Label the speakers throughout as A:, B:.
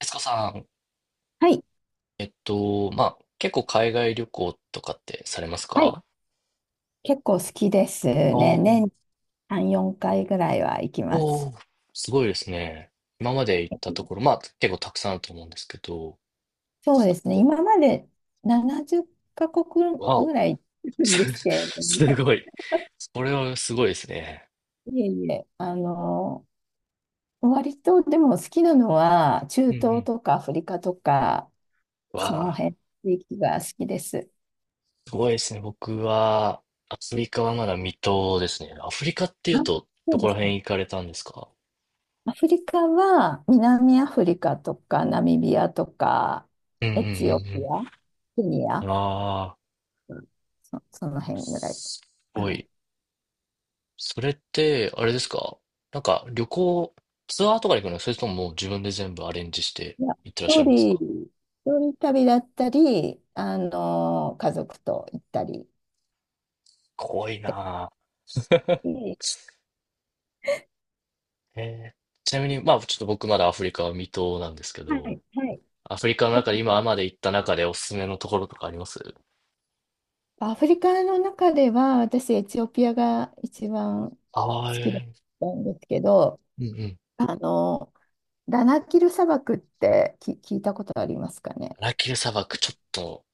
A: エスコさん、
B: はい。
A: 結構海外旅行とかってされます
B: はい。
A: か？
B: 結構好きです
A: お
B: ね。
A: ー。
B: 年に3、4回ぐらいは行きま
A: お
B: す。
A: ー、すごいですね。今まで行ったところ、まあ、結構たくさんあると思うんですけど。
B: そうですね。今まで70カ国
A: わ
B: ぐ
A: お。
B: らい行 くんで
A: す
B: すけれど
A: す
B: も、
A: ごい。それはすごいですね。
B: いえいえ、割とでも好きなのは、中
A: うんう
B: 東
A: ん。
B: とかアフリカとか、
A: わ
B: その
A: あ、
B: 辺、地域が好きです。
A: すごいですね。僕は、アフリカはまだ未踏ですね。アフリカってい
B: あ、
A: うと、
B: そ
A: ど
B: う
A: こ
B: で
A: ら
B: すね。
A: 辺行かれたんですか？
B: アフリカは南アフリカとかナミビアとか
A: うんう
B: エチオピ
A: ん
B: ア、ケニ
A: うん
B: ア、
A: うん。ああ、
B: その辺ぐらい
A: す
B: か
A: ご
B: ね。
A: い。それって、あれですか？なんか旅行、ツアーとかに行くの、それとももう自分で全部アレンジして
B: いや、
A: 行ってらっしゃ
B: 一
A: るんですか？
B: 人、一人旅だったり、家族と行ったりっ
A: 怖い
B: て
A: なぁ。
B: 感じ。
A: ちなみに、まあちょっと僕まだアフリカは未踏なんですけ
B: は
A: ど、
B: い、はい。
A: アフリカの
B: と
A: 中
B: か
A: で今
B: ね、
A: まで行った中でおすすめのところとかあります？
B: アフリカの中では、私、エチオピアが一番好
A: ああー、
B: きだっ
A: え
B: たんですけど、
A: ー。うんうん。
B: あの、ダナキル砂漠って聞いたことありますかね？
A: ダナキル砂漠、ちょっと、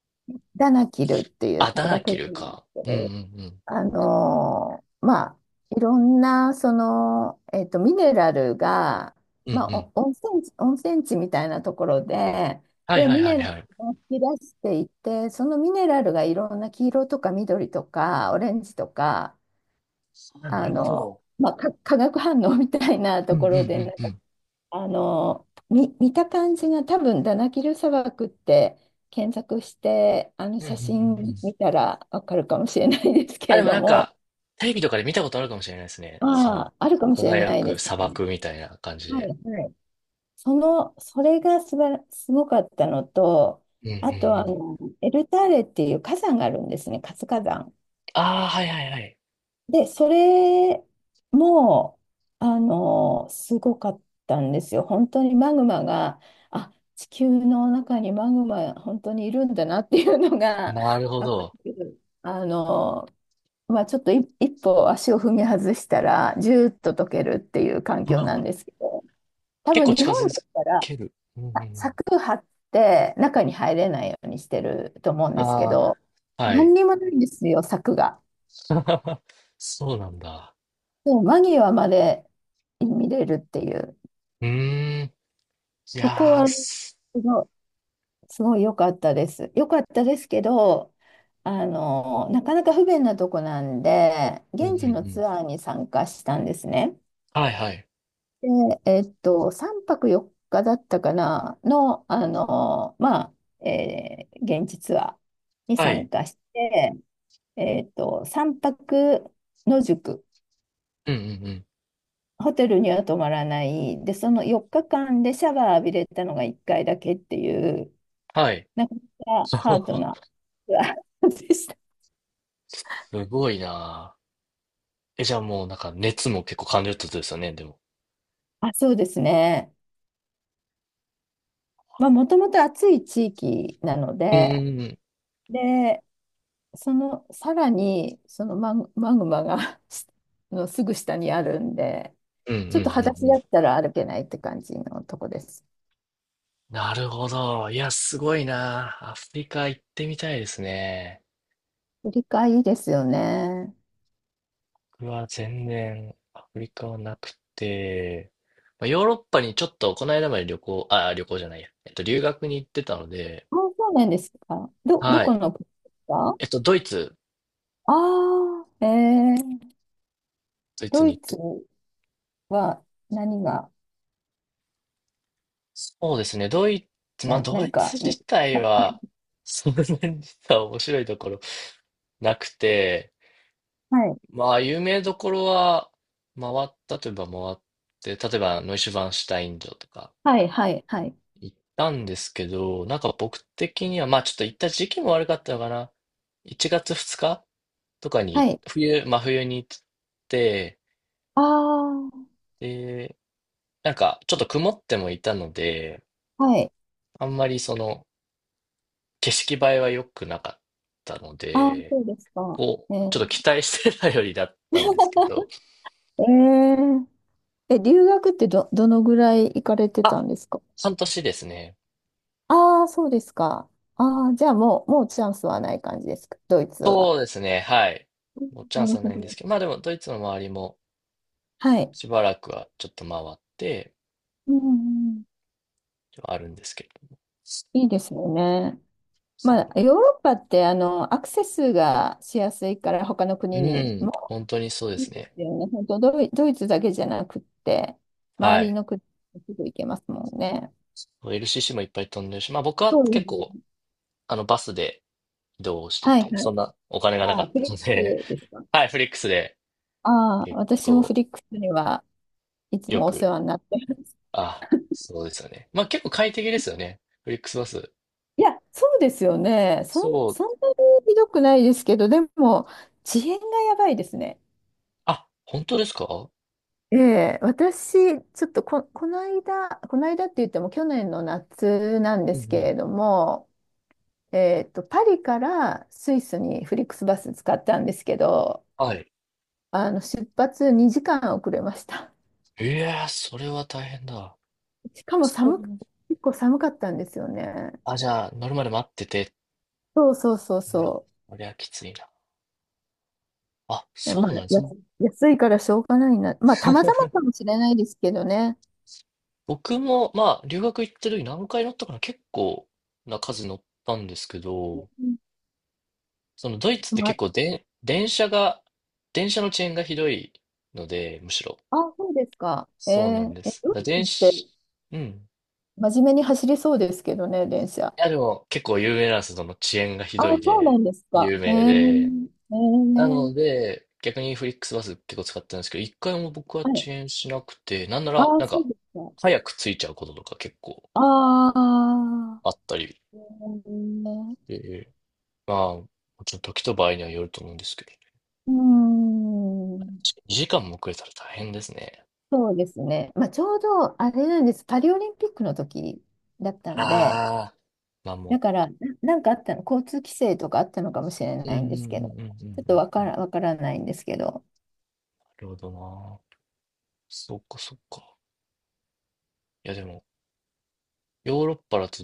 B: ダナキルっていう
A: あ、
B: 砂
A: ダナ
B: 漠
A: キ
B: が
A: ル
B: あるんです
A: か。
B: け
A: うんうんう
B: ど、
A: ん。
B: まあ、いろんな、ミネラルが、
A: うんう
B: まあ、
A: ん。
B: お温泉地、温泉地みたいなところで、
A: はい
B: で、
A: はい
B: ミ
A: はい
B: ネラル
A: はい。
B: を引き出していて、そのミネラルがいろんな黄色とか緑とかオレンジとか、
A: あ、な
B: あ
A: るほ
B: の、
A: ど。
B: まあ、化学反応みたいな
A: うん
B: と
A: うん
B: こ
A: う
B: ろで、
A: ん
B: なん
A: う
B: か、
A: ん。
B: 見た感じが多分、ダナキル砂漠って検索して、あの
A: うんうん
B: 写
A: うんう
B: 真
A: ん。
B: 見たらわかるかもしれないですけ
A: あ、で
B: れ
A: も
B: ど
A: なん
B: も、
A: か、テレビとかで見たことあるかもしれないですね。その、
B: ああ、あるかもしれ
A: 輝
B: ないで
A: く
B: す
A: 砂
B: ね。
A: 漠みたいな感じ
B: はい、
A: で。
B: はい。それがすばら、すごかったのと、
A: うんうんう
B: あと
A: ん。
B: エルターレっていう火山があるんですね、活火山。
A: ああ、はいはいはい。
B: で、それも、すごかったんですよ。本当にマグマが、あ、地球の中にマグマ、本当にいるんだなっていうのが、
A: なるほ
B: わか
A: ど。
B: る。ちょっと一歩足を踏み外したら、ジューッと溶けるっていう環
A: う
B: 境
A: ん。
B: なんですけど。多
A: 結
B: 分
A: 構
B: 日
A: 近
B: 本だっ
A: づ
B: たら
A: ける。うんうんうん。
B: 柵張って中に入れないようにしてると思うんですけ
A: ああ、
B: ど、
A: は
B: 何
A: い。
B: にもないんですよ、柵が。
A: そうなんだ。
B: でも間際まで見れるっていう。
A: うーん。い
B: そこ
A: やー
B: はす
A: す。
B: ごい、すごい良かったです。良かったですけど、なかなか不便なとこなんで、
A: うんう
B: 現
A: ん
B: 地
A: う
B: の
A: ん。
B: ツアーに参加したんですね。
A: はいはい。
B: で、3泊4日だったかなの、まあ、現地ツアーに
A: は
B: 参
A: い。
B: 加して、3泊野宿、
A: うんうんうん。
B: ホテルには泊まらない、で、その4日間でシャワー浴びれたのが1回だけっていう、
A: はい。
B: なかなかハードな ツアーでした。
A: すごいなー。え、じゃあもうなんか熱も結構感じるってことですよね、でも。
B: あ、そうですね。まあ、もともと暑い地域なの
A: うんう
B: で、
A: んうん。
B: で、そのさらにそのマグマが のすぐ下にあるんで、
A: うんう
B: ちょっと裸
A: んうん
B: 足
A: う
B: だっ
A: ん。
B: たら歩けないって感じのとこです。
A: なるほど。いや、すごいな。アフリカ行ってみたいですね。
B: 振り替えいいですよね。
A: 僕は全然アフリカはなくて、まあ、ヨーロッパにちょっとこの間まで旅行、あ、旅行じゃないや。留学に行ってたので。
B: あ、そうなんですか。ど
A: は
B: こ
A: い。
B: の国ですか？
A: えっと、ドイツ、
B: ああー、えー、
A: ドイツ
B: ド
A: に
B: イ
A: 行っ
B: ツ
A: て、
B: は何が、
A: そうですね。ドイツ、まあ、ド
B: 何
A: イツ
B: か、
A: 自体は、そんなに実は面白いところなくて、
B: はい、
A: まあ、有名どころは回ったといえば回って、例えば、ノイシュバンシュタイン城とか、
B: はい、はい、はい。
A: 行ったんですけど、なんか僕的には、まあちょっと行った時期も悪かったのかな。1月2日とか
B: は
A: に、
B: い。
A: 真冬に行って、
B: ああ、
A: で、なんかちょっと曇ってもいたので、
B: はい。
A: あんまりその景色映えは良くなかったの
B: ああ、
A: で、
B: そうですか。
A: こ
B: え
A: う、ちょっ
B: ー、
A: と期待してたよりだったんですけど。
B: えーえ、留学ってどのぐらい行かれてた
A: あ、
B: んですか？
A: 半年ですね。
B: ああ、そうですか。ああ、じゃあもうチャンスはない感じですか、ドイツは？
A: そうですね、はい。
B: うん、
A: もうチャ
B: な
A: ンス
B: る
A: は
B: ほ
A: ないんです
B: ど。
A: けど、まあでもドイツの周りも
B: はい。
A: しばらくはちょっと回って、
B: うんうん、
A: あるんですけど。
B: いいですよね。ま
A: そ
B: あ、ヨーロッパってアクセスがしやすいから他の
A: う
B: 国
A: な。う
B: に
A: ん、
B: も
A: 本当にそうで
B: い
A: す
B: いで
A: ね。
B: すよね。本当ドイツだけじゃなくって、
A: は
B: 周り
A: い。
B: の国にすぐ行けますもんね。
A: LCC もいっぱい飛んでるし、まあ僕は
B: そう
A: 結
B: です
A: 構、
B: ね。
A: バスで移動して
B: はい
A: て、
B: は
A: そ
B: い。
A: んなお金がなか
B: あ、
A: っ
B: フ
A: た
B: リッ
A: ので。
B: クスですか？
A: はい、フリックスで
B: ああ、
A: 結
B: 私もフ
A: 構
B: リックスにはいつ
A: よ
B: もお世
A: く。
B: 話になってます。
A: あ、そうですよね。まあ結構快適ですよね、フリックスバス。
B: いや、そうですよね。
A: そう、
B: そんなにひどくないですけど、でも、遅延がやばいですね。
A: あ、本当ですか？
B: ええ、私、ちょっとこの間、この間って言っても去年の夏なんで
A: うん
B: す
A: う
B: け
A: ん。
B: れども、パリからスイスにフリックスバス使ったんですけど、
A: はい。
B: 出発2時間遅れました。
A: いやー、それは大変だ。
B: しかも
A: そう。
B: 結構寒かったんですよね。
A: あ、じゃあ、乗るまで待ってて。
B: そうそうそう
A: うわ、
B: そ
A: こりゃきついな。あ、
B: う。
A: そ
B: まあ、
A: うなんです。
B: 安いからしょうがないな。まあ、たまたまかもしれないですけどね。
A: 僕も、まあ、留学行ってる時何回乗ったかな、結構な数乗ったんですけど、そのドイツって
B: ま
A: 結
B: あ、
A: 構で、電車が、電車の遅延がひどいので、むしろ。
B: あ、そうですか。
A: そうなんです。
B: ド
A: だから
B: イツ
A: 電
B: って
A: 車、うん。い
B: 真面目に走りそうですけどね、電車。
A: や、でも結構有名なんです。その遅延がひ
B: あ、
A: どい
B: そうな
A: で、
B: んですか。
A: 有名で。なので、逆にフリックスバス結構使ってるんですけど、一回も僕は
B: はい。
A: 遅延しなくて、なんな
B: あ、
A: ら、なん
B: そ
A: か、
B: うですか。
A: 早く着いちゃうこととか結構
B: ああ、
A: あったり。
B: えー、
A: まあ、もちろん時と場合にはよると思うんですけどね、
B: うーん、
A: 2時間も遅れたら大変ですね。
B: そうですね。まあ、ちょうど、あれなんです。パリオリンピックの時だったんで、
A: ああ、まあ
B: だ
A: も
B: から、なんかあったの、交通規制とかあったのかもしれ
A: う、うん
B: な
A: う
B: い
A: んう
B: ん
A: ん
B: で
A: う
B: す
A: んう
B: け
A: ん
B: ど、
A: う
B: ちょっと
A: んうん。な
B: わからないんですけど。
A: るほどな。そっかそっか。いやでも、ヨーロッパだと、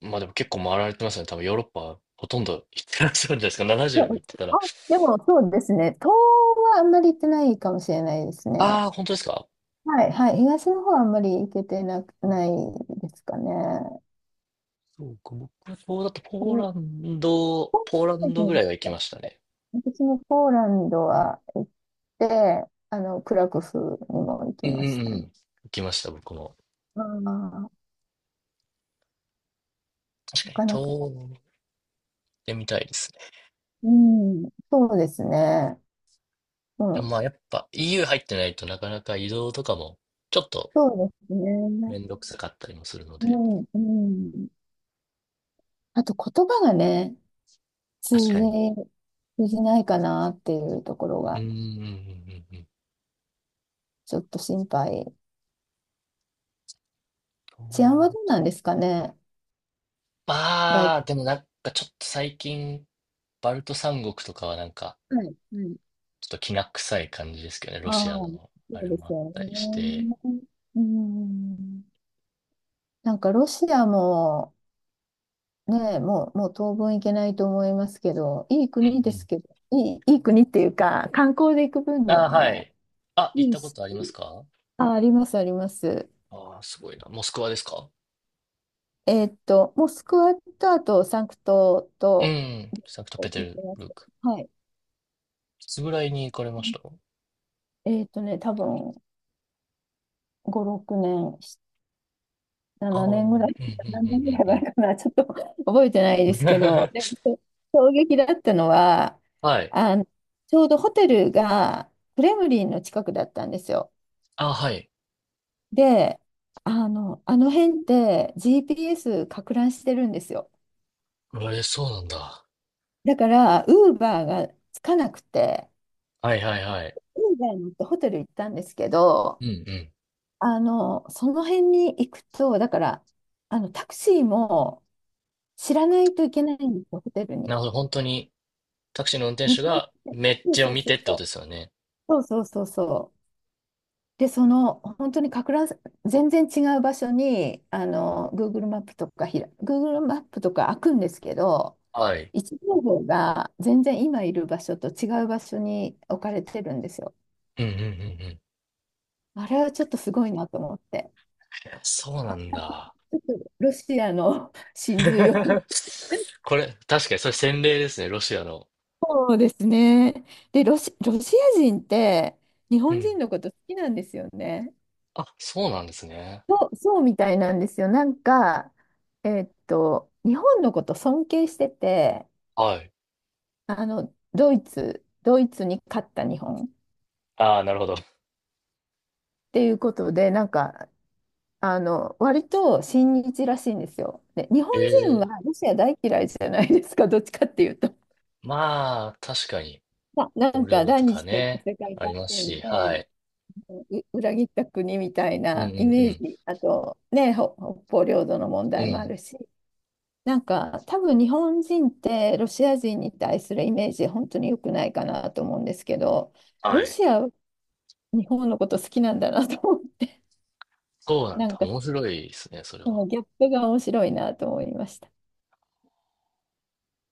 A: まあでも結構回られてますね。多分ヨーロッパほとんど行ってらっしゃるんじゃないですか。
B: そ
A: 70の
B: う
A: 行ってた
B: あ、
A: ら。
B: でもそうですね。東はあんまり行ってないかもしれないですね。
A: ああ、本当ですか？
B: はい、はい。東の方はあんまり行けてなく、
A: うん。
B: ないですかね。
A: そうか、僕、そうだと
B: うん、
A: ポーランドぐらいは行きましたね。
B: 私もポーランドは行って、クラクフにも行き
A: うんうん
B: ま
A: う
B: した
A: ん。
B: ね。
A: 行きました、僕も。
B: ああ、な
A: 確かに、
B: かなか。
A: 遠出みたいですね。
B: うん、そうですね。う
A: でも
B: ん、
A: まあやっぱ EU 入ってないとなかなか移動とかもちょっと
B: そうです
A: め
B: ね。
A: んどくさかったりもするの
B: う
A: で。
B: ん、うん。あと言葉がね、通
A: 確かに。
B: じ、通じないかなっていうところ
A: うーん、
B: が。
A: うん、うん、うん。
B: ちょっと心配。
A: そ
B: 治安
A: う
B: は
A: だっ
B: どう
A: て。
B: なんですかね？大、
A: まあ、でもなんかちょっと最近、バルト三国とかはなんか、
B: はい、はい。
A: ちょっときな臭い感じですけどね、
B: あ
A: ロ
B: あ、
A: シア
B: そ
A: のあ
B: う
A: れ
B: で
A: もあ
B: す
A: っ
B: よ
A: たりして。
B: ね。うん。なんかロシアも、ね、もう当分行けないと思いますけど、いい
A: うん
B: 国で
A: う
B: す
A: ん。
B: けど、いい国っていうか、観光で行く分に
A: ああ、
B: は
A: は
B: ね。
A: い。あ、行っ
B: いい
A: たこ
B: し、
A: とありますか？
B: あ、あります、あります。
A: ああ、すごいな。モスクワですか？
B: モスクワと、あと、サンクト
A: う
B: と、
A: ん、サンクト
B: 行
A: ペテ
B: っ
A: ル
B: てま
A: ブ
B: す。
A: ルク。
B: はい。
A: いつぐらいに行かれました？
B: 多分5、6年、
A: ああ
B: 7
A: ー、うん、うん、
B: 年
A: うん、う
B: ぐらい、何年ぐら
A: ん、
B: い
A: うん。
B: 前かな、ちょっと 覚えてないですけど、でも そう衝撃だったのは、
A: はい。
B: あの、ちょうどホテルがクレムリンの近くだったんですよ。
A: あ、はい。
B: で、あの辺って GPS か乱してるんですよ。
A: え、そうなんだ。
B: だから、ウーバーがつかなくて、
A: はいはいはい。
B: ウーバーに乗ってホテル行ったんですけど、
A: うんうん。
B: その辺に行くと、だから、タクシーも知らないといけないんですよ、ホテル
A: な
B: に。
A: るほど。本当に、タクシーの運転
B: 見
A: 手
B: て。
A: がめっ
B: そ
A: ちゃを
B: う
A: 見
B: そ
A: て
B: う
A: ってこ
B: そ
A: とで
B: う
A: すよね。
B: そうそうそうそうそう。で、その本当にかく乱、全然違う場所にGoogle マップとかGoogle マップとか開くんですけど、
A: はい。
B: 位置情報が全然今いる場所と違う場所に置かれてるんですよ。
A: うんうんうんうん。
B: あれはちょっとすごいなと思って、
A: え、そうなんだ。
B: ちょっとロシアの 真 髄を。
A: これ、確かにそれ洗礼ですね、ロシアの。
B: そうですね。で、ロシア人って日
A: う
B: 本
A: ん。
B: 人のこと好きなんですよね。
A: あ、そうなんですね。
B: そう、そうみたいなんですよ。なんか、日本のこと尊敬してて、
A: はい。
B: ドイツに勝った日本っ
A: ああ、なるほど。
B: ていうことで、なんか、割と親日らしいんですよ。で、日本
A: え
B: 人は
A: え。
B: ロシア大嫌いじゃないですか、どっちかっていうと。
A: まあ、確かに、
B: な
A: ボ
B: ん
A: レ
B: か
A: ロ
B: 第
A: と
B: 二
A: か
B: 次
A: ね、
B: 世界
A: あり
B: 大
A: ます
B: 戦
A: し、は
B: で
A: い。
B: う裏切った国みたい
A: うんう
B: なイメー
A: ん
B: ジ、あとね、北方領土の問
A: うん。
B: 題
A: う
B: もあ
A: ん。
B: るし、なんか多分日本人ってロシア人に対するイメージ本当に良くないかなと思うんですけど、
A: は
B: ロ
A: い。
B: シア、日本のこと好きなんだなと思う、
A: そうなん
B: な
A: だ。
B: んか
A: 面白いですね、それ
B: その
A: は。
B: ギャップが面白いなと思いました。